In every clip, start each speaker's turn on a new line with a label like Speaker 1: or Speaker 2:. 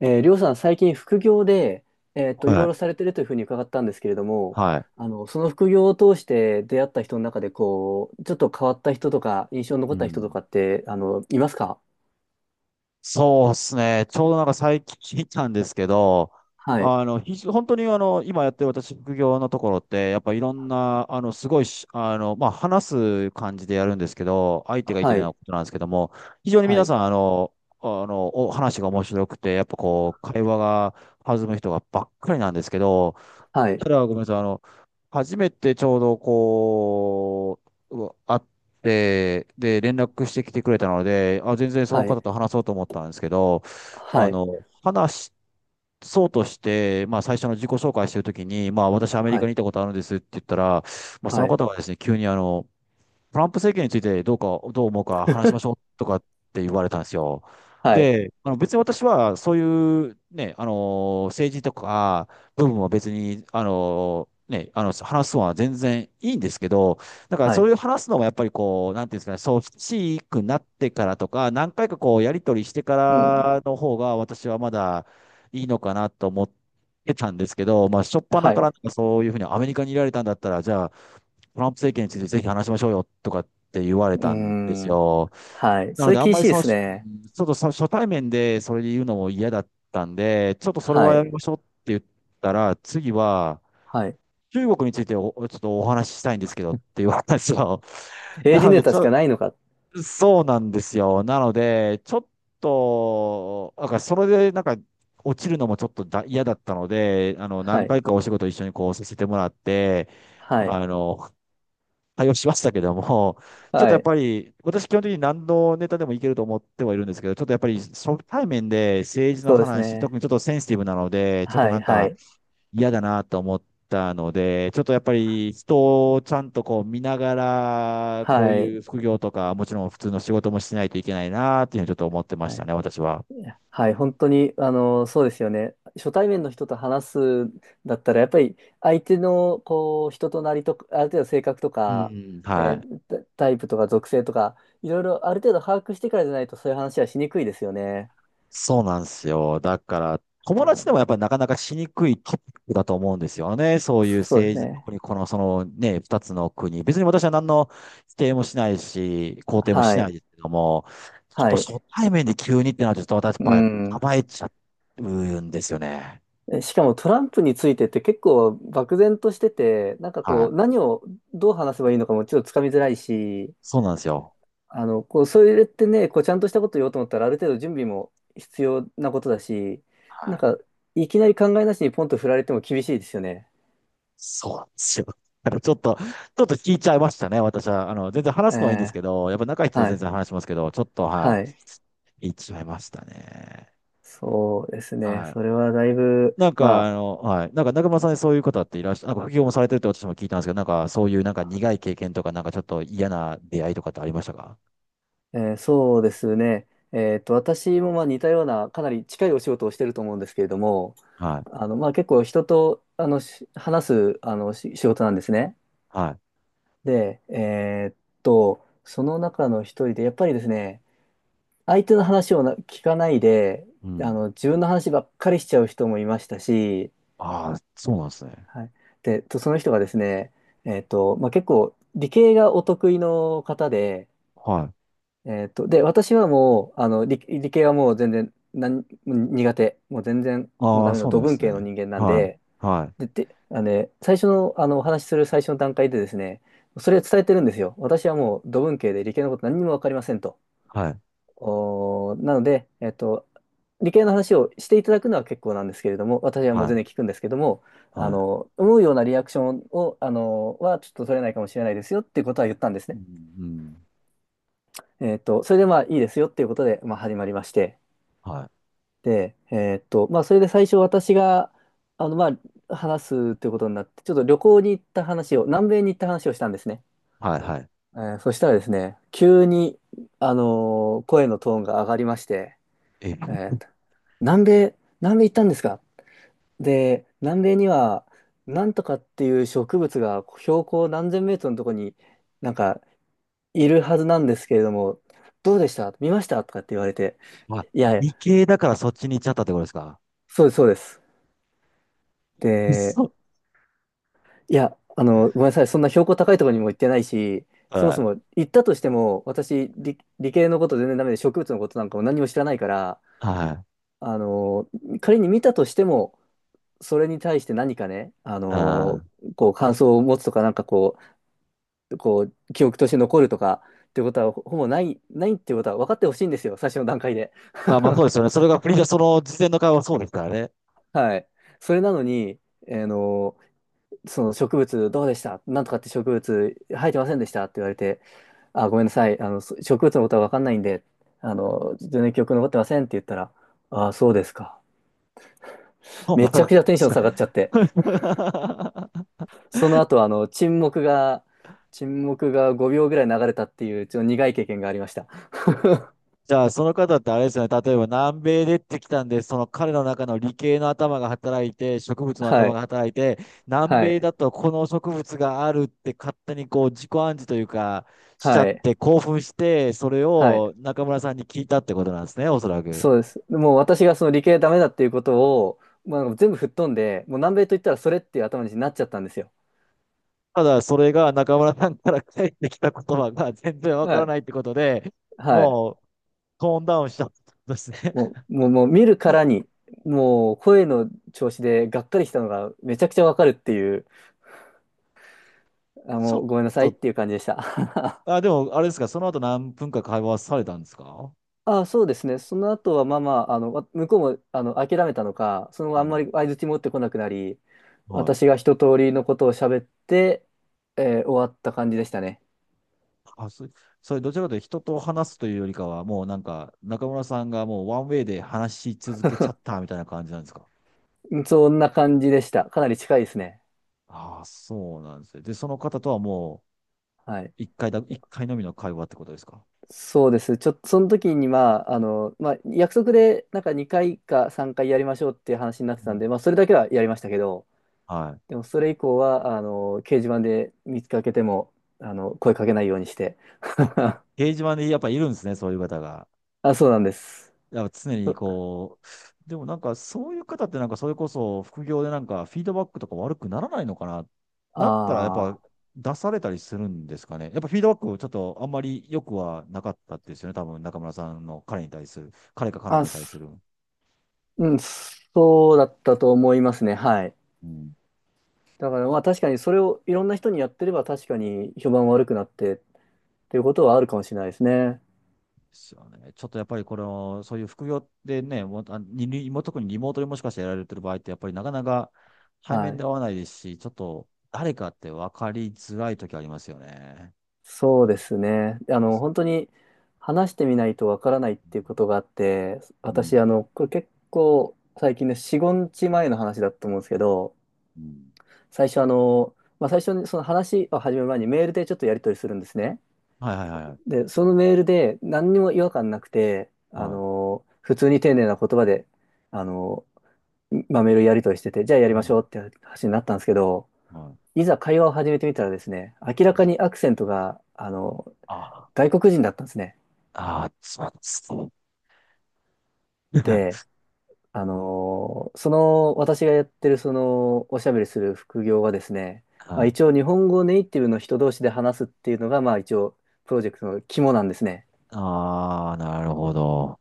Speaker 1: りょうさん、最近副業で、い
Speaker 2: は
Speaker 1: ろい
Speaker 2: い。
Speaker 1: ろされてるというふうに伺ったんですけれども、
Speaker 2: はい。
Speaker 1: その副業を通して出会った人の中で、こう、ちょっと変わった人とか、印象に
Speaker 2: う
Speaker 1: 残った人と
Speaker 2: ん。
Speaker 1: かって、いますか？
Speaker 2: そうですね。ちょうどなんか最近聞いたんですけど、
Speaker 1: はい。
Speaker 2: 本当に今やってる私副業のところって、やっぱいろんな、すごいし、まあ、話す感じでやるんですけど、相手がいて
Speaker 1: は
Speaker 2: ない
Speaker 1: い。
Speaker 2: ことなんですけども、非常に
Speaker 1: は
Speaker 2: 皆
Speaker 1: い。
Speaker 2: さん、お話が面白くて、やっぱこう、会話が弾む人がばっかりなんですけど、
Speaker 1: はい。
Speaker 2: ただ、ごめんなさい。初めてちょうど会って、で、連絡してきてくれたので、あ、全然その
Speaker 1: はい。
Speaker 2: 方と話そうと思ったんですけど、
Speaker 1: はい。
Speaker 2: 話そうとして、まあ、最初の自己紹介してるときに、まあ、私アメリ
Speaker 1: は
Speaker 2: カに行
Speaker 1: い。
Speaker 2: ったことあるんですって言ったら、まあ、そ
Speaker 1: は
Speaker 2: の
Speaker 1: い。
Speaker 2: 方がですね、急にトランプ政権についてどうか、どう思うか話しましょう とかって言われたんですよ。
Speaker 1: はい。
Speaker 2: で、別に私はそういうね、政治とか部分は別に、話すのは全然いいんですけど、だから
Speaker 1: は
Speaker 2: そう
Speaker 1: い。
Speaker 2: いう話すのもやっぱりこう、なんていうんですかね、そう、しくなってからとか、何回かこう、やり取りしてか
Speaker 1: うん。
Speaker 2: らの方が私はまだいいのかなと思ってたんですけど、まあ、初っ端
Speaker 1: はい。
Speaker 2: からなん
Speaker 1: う
Speaker 2: かそういうふうにアメリカにいられたんだったら、じゃあ、トランプ政権についてぜひ話しましょうよとかって言われ
Speaker 1: ー
Speaker 2: たんです
Speaker 1: ん。
Speaker 2: よ。
Speaker 1: はい。
Speaker 2: な
Speaker 1: そ
Speaker 2: の
Speaker 1: れ
Speaker 2: で、あん
Speaker 1: 厳
Speaker 2: ま
Speaker 1: し
Speaker 2: り
Speaker 1: いで
Speaker 2: その、
Speaker 1: す
Speaker 2: しう
Speaker 1: ね。
Speaker 2: んちょっとそ初対面でそれで言うのも嫌だったんで、ちょっとそれ
Speaker 1: は
Speaker 2: はや
Speaker 1: い。
Speaker 2: めましょうって言ったら、次は、
Speaker 1: はい。
Speaker 2: 中国についてちょっとお話ししたいんですけどって言われたんですよ。な
Speaker 1: 政治
Speaker 2: の
Speaker 1: ネ
Speaker 2: で、
Speaker 1: タしかないのか。
Speaker 2: そうなんですよ。なので、ちょっと、なんかそれでなんか落ちるのもちょっと嫌だったので、
Speaker 1: は
Speaker 2: 何
Speaker 1: い。
Speaker 2: 回かお仕事一緒にこうさせてもらって、
Speaker 1: はい。
Speaker 2: あの、対応しましたけども、ちょっと
Speaker 1: は
Speaker 2: やっ
Speaker 1: い。
Speaker 2: ぱり、私基本的に何のネタでもいけると思ってはいるんですけど、ちょっとやっぱり初対面で政治の
Speaker 1: そうです
Speaker 2: 話、特
Speaker 1: ね。
Speaker 2: にちょっとセンシティブなので、ちょっと
Speaker 1: はい。
Speaker 2: なん
Speaker 1: は
Speaker 2: か
Speaker 1: い。
Speaker 2: 嫌だなと思ったので、ちょっとやっぱり人をちゃんとこう見ながら、こう
Speaker 1: は
Speaker 2: い
Speaker 1: い。
Speaker 2: う副業とか、もちろん普通の仕事もしないといけないなっていうふうにちょっと思ってまし
Speaker 1: は
Speaker 2: た
Speaker 1: い。
Speaker 2: ね、私は。
Speaker 1: いやはい、本当に、そうですよね。初対面の人と話すんだったら、やっぱり相手の、こう、人となりとか、ある程度性格と
Speaker 2: う
Speaker 1: か、
Speaker 2: ん。は
Speaker 1: え
Speaker 2: い。
Speaker 1: ータタイプとか属性とか、いろいろある程度把握してからじゃないと、そういう話はしにくいですよね。
Speaker 2: そうなんですよ。だから、友
Speaker 1: う
Speaker 2: 達でもや
Speaker 1: ん、
Speaker 2: っぱりなかなかしにくいトピックだと思うんですよね。そういう
Speaker 1: そうです
Speaker 2: 政治、
Speaker 1: ね。
Speaker 2: 特にこの、そのね、二つの国。別に私は何の否定もしないし、肯定もし
Speaker 1: は
Speaker 2: ない
Speaker 1: い。
Speaker 2: ですけども、ちょっ
Speaker 1: は
Speaker 2: と初
Speaker 1: い。
Speaker 2: 対面で急にってなると、ちょっと私や
Speaker 1: う
Speaker 2: っぱ
Speaker 1: ん。
Speaker 2: 構えちゃうんですよね。
Speaker 1: しかもトランプについてって結構漠然としてて、なんか
Speaker 2: はい。
Speaker 1: 何をどう話せばいいのかもちょっとつかみづらいし、
Speaker 2: そうなんですよ。
Speaker 1: こう、それってね、こう、ちゃんとしたこと言おうと思ったら、ある程度準備も必要なことだし、な
Speaker 2: は
Speaker 1: ん
Speaker 2: い。
Speaker 1: か、いきなり考えなしにポンと振られても厳しいですよね。
Speaker 2: そうなんですよ。だからちょっと聞いちゃいましたね、私は。全然話すのはいいんです
Speaker 1: え
Speaker 2: けど、やっぱ仲いい人
Speaker 1: ー
Speaker 2: と
Speaker 1: は
Speaker 2: 全
Speaker 1: い。
Speaker 2: 然話しますけど、ちょっと、は
Speaker 1: はい。
Speaker 2: い、言っちゃいましたね。
Speaker 1: そうですね。
Speaker 2: はい。
Speaker 1: それはだいぶ、ま
Speaker 2: はい。なんか中村さんでそういう方っていらっしゃ、なんか副業もされてるって私も聞いたんですけど、なんかそういうなんか苦い経験とか、なんかちょっと嫌な出会いとかってありましたか？
Speaker 1: あ、そうですね。私もまあ似たような、かなり近いお仕事をしてると思うんですけれども、
Speaker 2: はい。
Speaker 1: まあ結構人と、話す、仕事なんですね。
Speaker 2: は
Speaker 1: で、その中の一人で、やっぱりですね、相手の話を聞かないで、
Speaker 2: い。うん。
Speaker 1: 自分の話ばっかりしちゃう人もいましたし、
Speaker 2: ああ、そうなんですね。
Speaker 1: はい。で、その人がですね、まあ、結構、理系がお得意の方で、
Speaker 2: はい。
Speaker 1: で、私はもう、理系はもう全然、苦手。もう全然、もう
Speaker 2: あ
Speaker 1: ダ
Speaker 2: あ、
Speaker 1: メな、
Speaker 2: そうなん
Speaker 1: 土
Speaker 2: で
Speaker 1: 文
Speaker 2: す
Speaker 1: 系の
Speaker 2: ね。
Speaker 1: 人間なん
Speaker 2: はい。
Speaker 1: で、
Speaker 2: はい。
Speaker 1: で、あのね、最初の、お話しする最初の段階でですね、それを伝えてるんですよ。私はもう土文系で理系のこと何にもわかりませんと。
Speaker 2: はい。
Speaker 1: なので、理系の話をしていただくのは結構なんですけれども、私はもう
Speaker 2: はい。
Speaker 1: 全然聞くんですけども、
Speaker 2: は
Speaker 1: 思うようなリアクションを、ちょっと取れないかもしれないですよっていうことは言ったんです
Speaker 2: い。う
Speaker 1: ね。
Speaker 2: ん。うん
Speaker 1: それでまあいいですよっていうことで、まあ始まりまして、
Speaker 2: はい。
Speaker 1: で、まあそれで最初私が、まあ話すっていうことになって、ちょっと旅行に行った話を、南米に行った話をしたんですね。
Speaker 2: はい。はい。
Speaker 1: そしたらですね、急に、声のトーンが上がりまして、え
Speaker 2: え、
Speaker 1: ーと南米、南米行ったんですか？で、南米には、なんとかっていう植物が標高何千メートルのとこになんかいるはずなんですけれども、どうでした見ましたとかって言われて、
Speaker 2: まあ、
Speaker 1: いやいや、
Speaker 2: 理系だからそっちに行っちゃったってことですか？
Speaker 1: そうです、そうです。で、
Speaker 2: そう。
Speaker 1: いや、ごめんなさい、そんな標高高いところにも行ってないし、そも
Speaker 2: は
Speaker 1: そ
Speaker 2: い。
Speaker 1: も行ったとしても、私、理系のこと全然ダメで、植物のことなんかも何も知らないから、
Speaker 2: はい。
Speaker 1: あの、仮に見たとしても、それに対して何かね、
Speaker 2: ああ。
Speaker 1: こう感想を持つとか、なんかこう、記憶として残るとかってことは、ほぼない、ないってことは分かってほしいんですよ、最初の段階で。
Speaker 2: まあまあそ うですよね。それがプリーその事前の会話はそうですからね。
Speaker 1: はい。それなのに、あのーその植物どうでしたなんとかって植物生えてませんでしたって言われて、あ、ごめんなさい、植物のことは分かんないんで、全然記憶残ってませんって言ったら、あ、そうですか。
Speaker 2: 本
Speaker 1: め
Speaker 2: が
Speaker 1: ちゃ
Speaker 2: 高
Speaker 1: く
Speaker 2: か
Speaker 1: ちゃテンション下がっちゃって。
Speaker 2: った。
Speaker 1: その後、沈黙が5秒ぐらい流れたっていう、ちょっと苦い経験がありました。
Speaker 2: じゃあ、その方ってあれですよね。例えば南米でってきたんで、その彼の中の理系の頭が働いて、植物の
Speaker 1: は
Speaker 2: 頭
Speaker 1: い、
Speaker 2: が働いて、南
Speaker 1: は
Speaker 2: 米
Speaker 1: い、
Speaker 2: だとこの植物があるって勝手にこう自己暗示というか、しちゃ
Speaker 1: は
Speaker 2: っ
Speaker 1: い、
Speaker 2: て興奮して、それ
Speaker 1: はい。
Speaker 2: を中村さんに聞いたってことなんですね、おそらく。
Speaker 1: そうです。もう私がその理系ダメだっていうことを、まあ、全部吹っ飛んで、もう南米と言ったらそれっていう頭になっちゃったんですよ。
Speaker 2: ただ、それが中村さんから返ってきた言葉が全然わ
Speaker 1: は
Speaker 2: から
Speaker 1: い、
Speaker 2: ないってことで、
Speaker 1: はい。
Speaker 2: もうトーンダウンしちゃったんですね。
Speaker 1: も う、もう、もう見るからに、もう声の調子でがっかりしたのがめちゃくちゃわかるっていう、あ、
Speaker 2: ちょ
Speaker 1: も
Speaker 2: っ
Speaker 1: うごめんなさいっ
Speaker 2: と
Speaker 1: ていう感じでした。
Speaker 2: でも、あれですか、その後何分か会話されたんですか？
Speaker 1: あ、そうですね。その後は、まあまあ、向こうも、諦めたのか、その後
Speaker 2: う
Speaker 1: あんま
Speaker 2: ん。
Speaker 1: り相槌持ってこなくなり、
Speaker 2: はい。
Speaker 1: 私が一通りのことを喋って、終わった感じでしたね。
Speaker 2: あ、そ、それ、どちらかというと人と話すというよりかは、もうなんか、中村さんがもうワンウェイで話し続けちゃったみたいな感じなんですか？
Speaker 1: そんな感じでした。かなり近いですね。
Speaker 2: ああ、そうなんですね。で、その方とはも
Speaker 1: はい。
Speaker 2: う、一回のみの会話ってことですか？
Speaker 1: そうです。ちょっと、その時に、まあ、まあ、約束で、なんか2回か3回やりましょうっていう話になっ
Speaker 2: う
Speaker 1: てたんで、
Speaker 2: ん。
Speaker 1: まあ、それだけはやりましたけど、
Speaker 2: はい。
Speaker 1: でも、それ以降は、掲示板で見つかけても、声かけないようにして。
Speaker 2: あ、掲示板にやっぱいるんですね、そういう方が。
Speaker 1: あ、そうなんです。
Speaker 2: やっぱ常にこう、でもなんかそういう方ってなんかそれこそ副業でなんかフィードバックとか悪くならないのかな？なったらやっぱ
Speaker 1: あ
Speaker 2: 出されたりするんですかね。やっぱフィードバックちょっとあんまり良くはなかったですよね。多分中村さんの彼に対する、彼か彼
Speaker 1: あ、
Speaker 2: 女
Speaker 1: あ、
Speaker 2: に対す
Speaker 1: す
Speaker 2: る。
Speaker 1: うん、そうだったと思いますね。はい。
Speaker 2: うん。で
Speaker 1: だからまあ確かにそれをいろんな人にやってれば確かに評判悪くなってっていうことはあるかもしれないですね。
Speaker 2: すよね。ちょっとやっぱりこれを、そういう副業でね、もうにも特にリモートでもしかしてやられてる場合ってやっぱりなかなか対
Speaker 1: は
Speaker 2: 面で会
Speaker 1: い。
Speaker 2: わないですし、ちょっと誰かって分かりづらい時ありますよね。
Speaker 1: そうですね。
Speaker 2: です
Speaker 1: 本当に話してみないとわからないっ
Speaker 2: う
Speaker 1: ていうこ
Speaker 2: ん
Speaker 1: とがあって、
Speaker 2: う
Speaker 1: 私、
Speaker 2: ん。
Speaker 1: これ結構最近ね、4、5日前の話だと思うんですけど、
Speaker 2: うん。
Speaker 1: 最初あの、まあ最初にその話を始める前にメールでちょっとやり取りするんですね。
Speaker 2: はいはいはいはい。
Speaker 1: で、そのメールで何にも違和感なくて、
Speaker 2: はい。
Speaker 1: 普通に丁寧な言葉で、あの、まあ、メールやり取りしてて、じゃあやり
Speaker 2: う
Speaker 1: まし
Speaker 2: ん。
Speaker 1: ょうって話になったんですけど、
Speaker 2: はい。
Speaker 1: いざ会話を始めてみたらですね、明らかにアクセントが、外国人だったんですね。
Speaker 2: ああー、そうです。
Speaker 1: で、私がやってるその、おしゃべりする副業はですね、ま
Speaker 2: は
Speaker 1: あ、
Speaker 2: い。
Speaker 1: 一応日本語ネイティブの人同士で話すっていうのが、まあ一応、プロジェクトの肝なんですね。
Speaker 2: ああ、なるほど。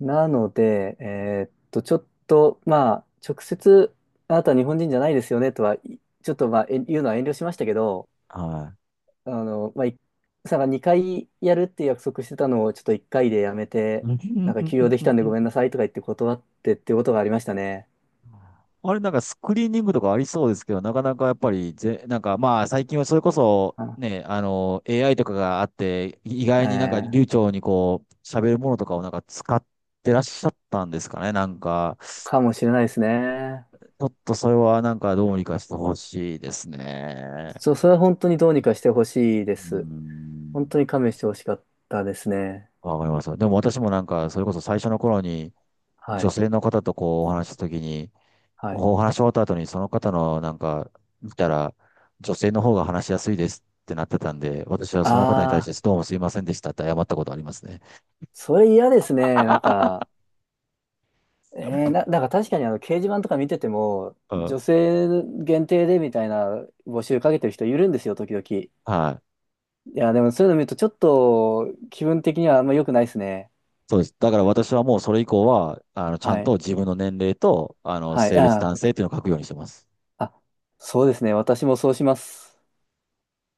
Speaker 1: なので、ちょっと、まあ、直接、あなたは日本人じゃないですよねとは、ちょっと、まあ、言うのは遠慮しましたけど、
Speaker 2: はい。
Speaker 1: まあ、さん2回やるって約束してたのを、ちょっと1回でやめて、なんか休養できたんでごめ んなさいとか言って断ってっていうことがありましたね。
Speaker 2: あれ、なんかスクリーニングとかありそうですけど、なかなかやっぱりなんかまあ最近はそれこそ
Speaker 1: あ
Speaker 2: ね、AI とかがあって、意
Speaker 1: え
Speaker 2: 外になんか
Speaker 1: ー
Speaker 2: 流暢にこう、喋るものとかをなんか使ってらっしゃったんですかね。なんか、
Speaker 1: かもしれないですね。
Speaker 2: ちょっとそれはなんかどうにかしてほしいですね。
Speaker 1: そう、それは本当にどうにかしてほしいで
Speaker 2: う
Speaker 1: す。本
Speaker 2: ん。
Speaker 1: 当に勘弁してほしかったですね。
Speaker 2: わかります。でも私もなんか、それこそ最初の頃に、
Speaker 1: は
Speaker 2: 女
Speaker 1: い。
Speaker 2: 性の方とこうお話しした時に、
Speaker 1: はい。
Speaker 2: お話し終わった後にその方のなんか、見たら、女性の方が話しやすいですってなってたんで、私はその方に対
Speaker 1: あ
Speaker 2: し
Speaker 1: あ、
Speaker 2: てどうもすいませんでしたって謝ったことありますね。
Speaker 1: それ嫌ですね。なん か、なんか確かにあの掲示板とか見てても、
Speaker 2: うん。
Speaker 1: 女性限定でみたいな募集かけてる人いるんですよ、時々。い
Speaker 2: はい。
Speaker 1: や、でもそういうの見るとちょっと気分的にはあんま良くないですね。
Speaker 2: そうです。だから私はもうそれ以降は、ちゃ
Speaker 1: は
Speaker 2: んと
Speaker 1: い。
Speaker 2: 自分の年齢と、
Speaker 1: はい。
Speaker 2: 性別
Speaker 1: あ
Speaker 2: 男性っていうのを書くようにしてます。
Speaker 1: ー、あ、そうですね。私もそうします。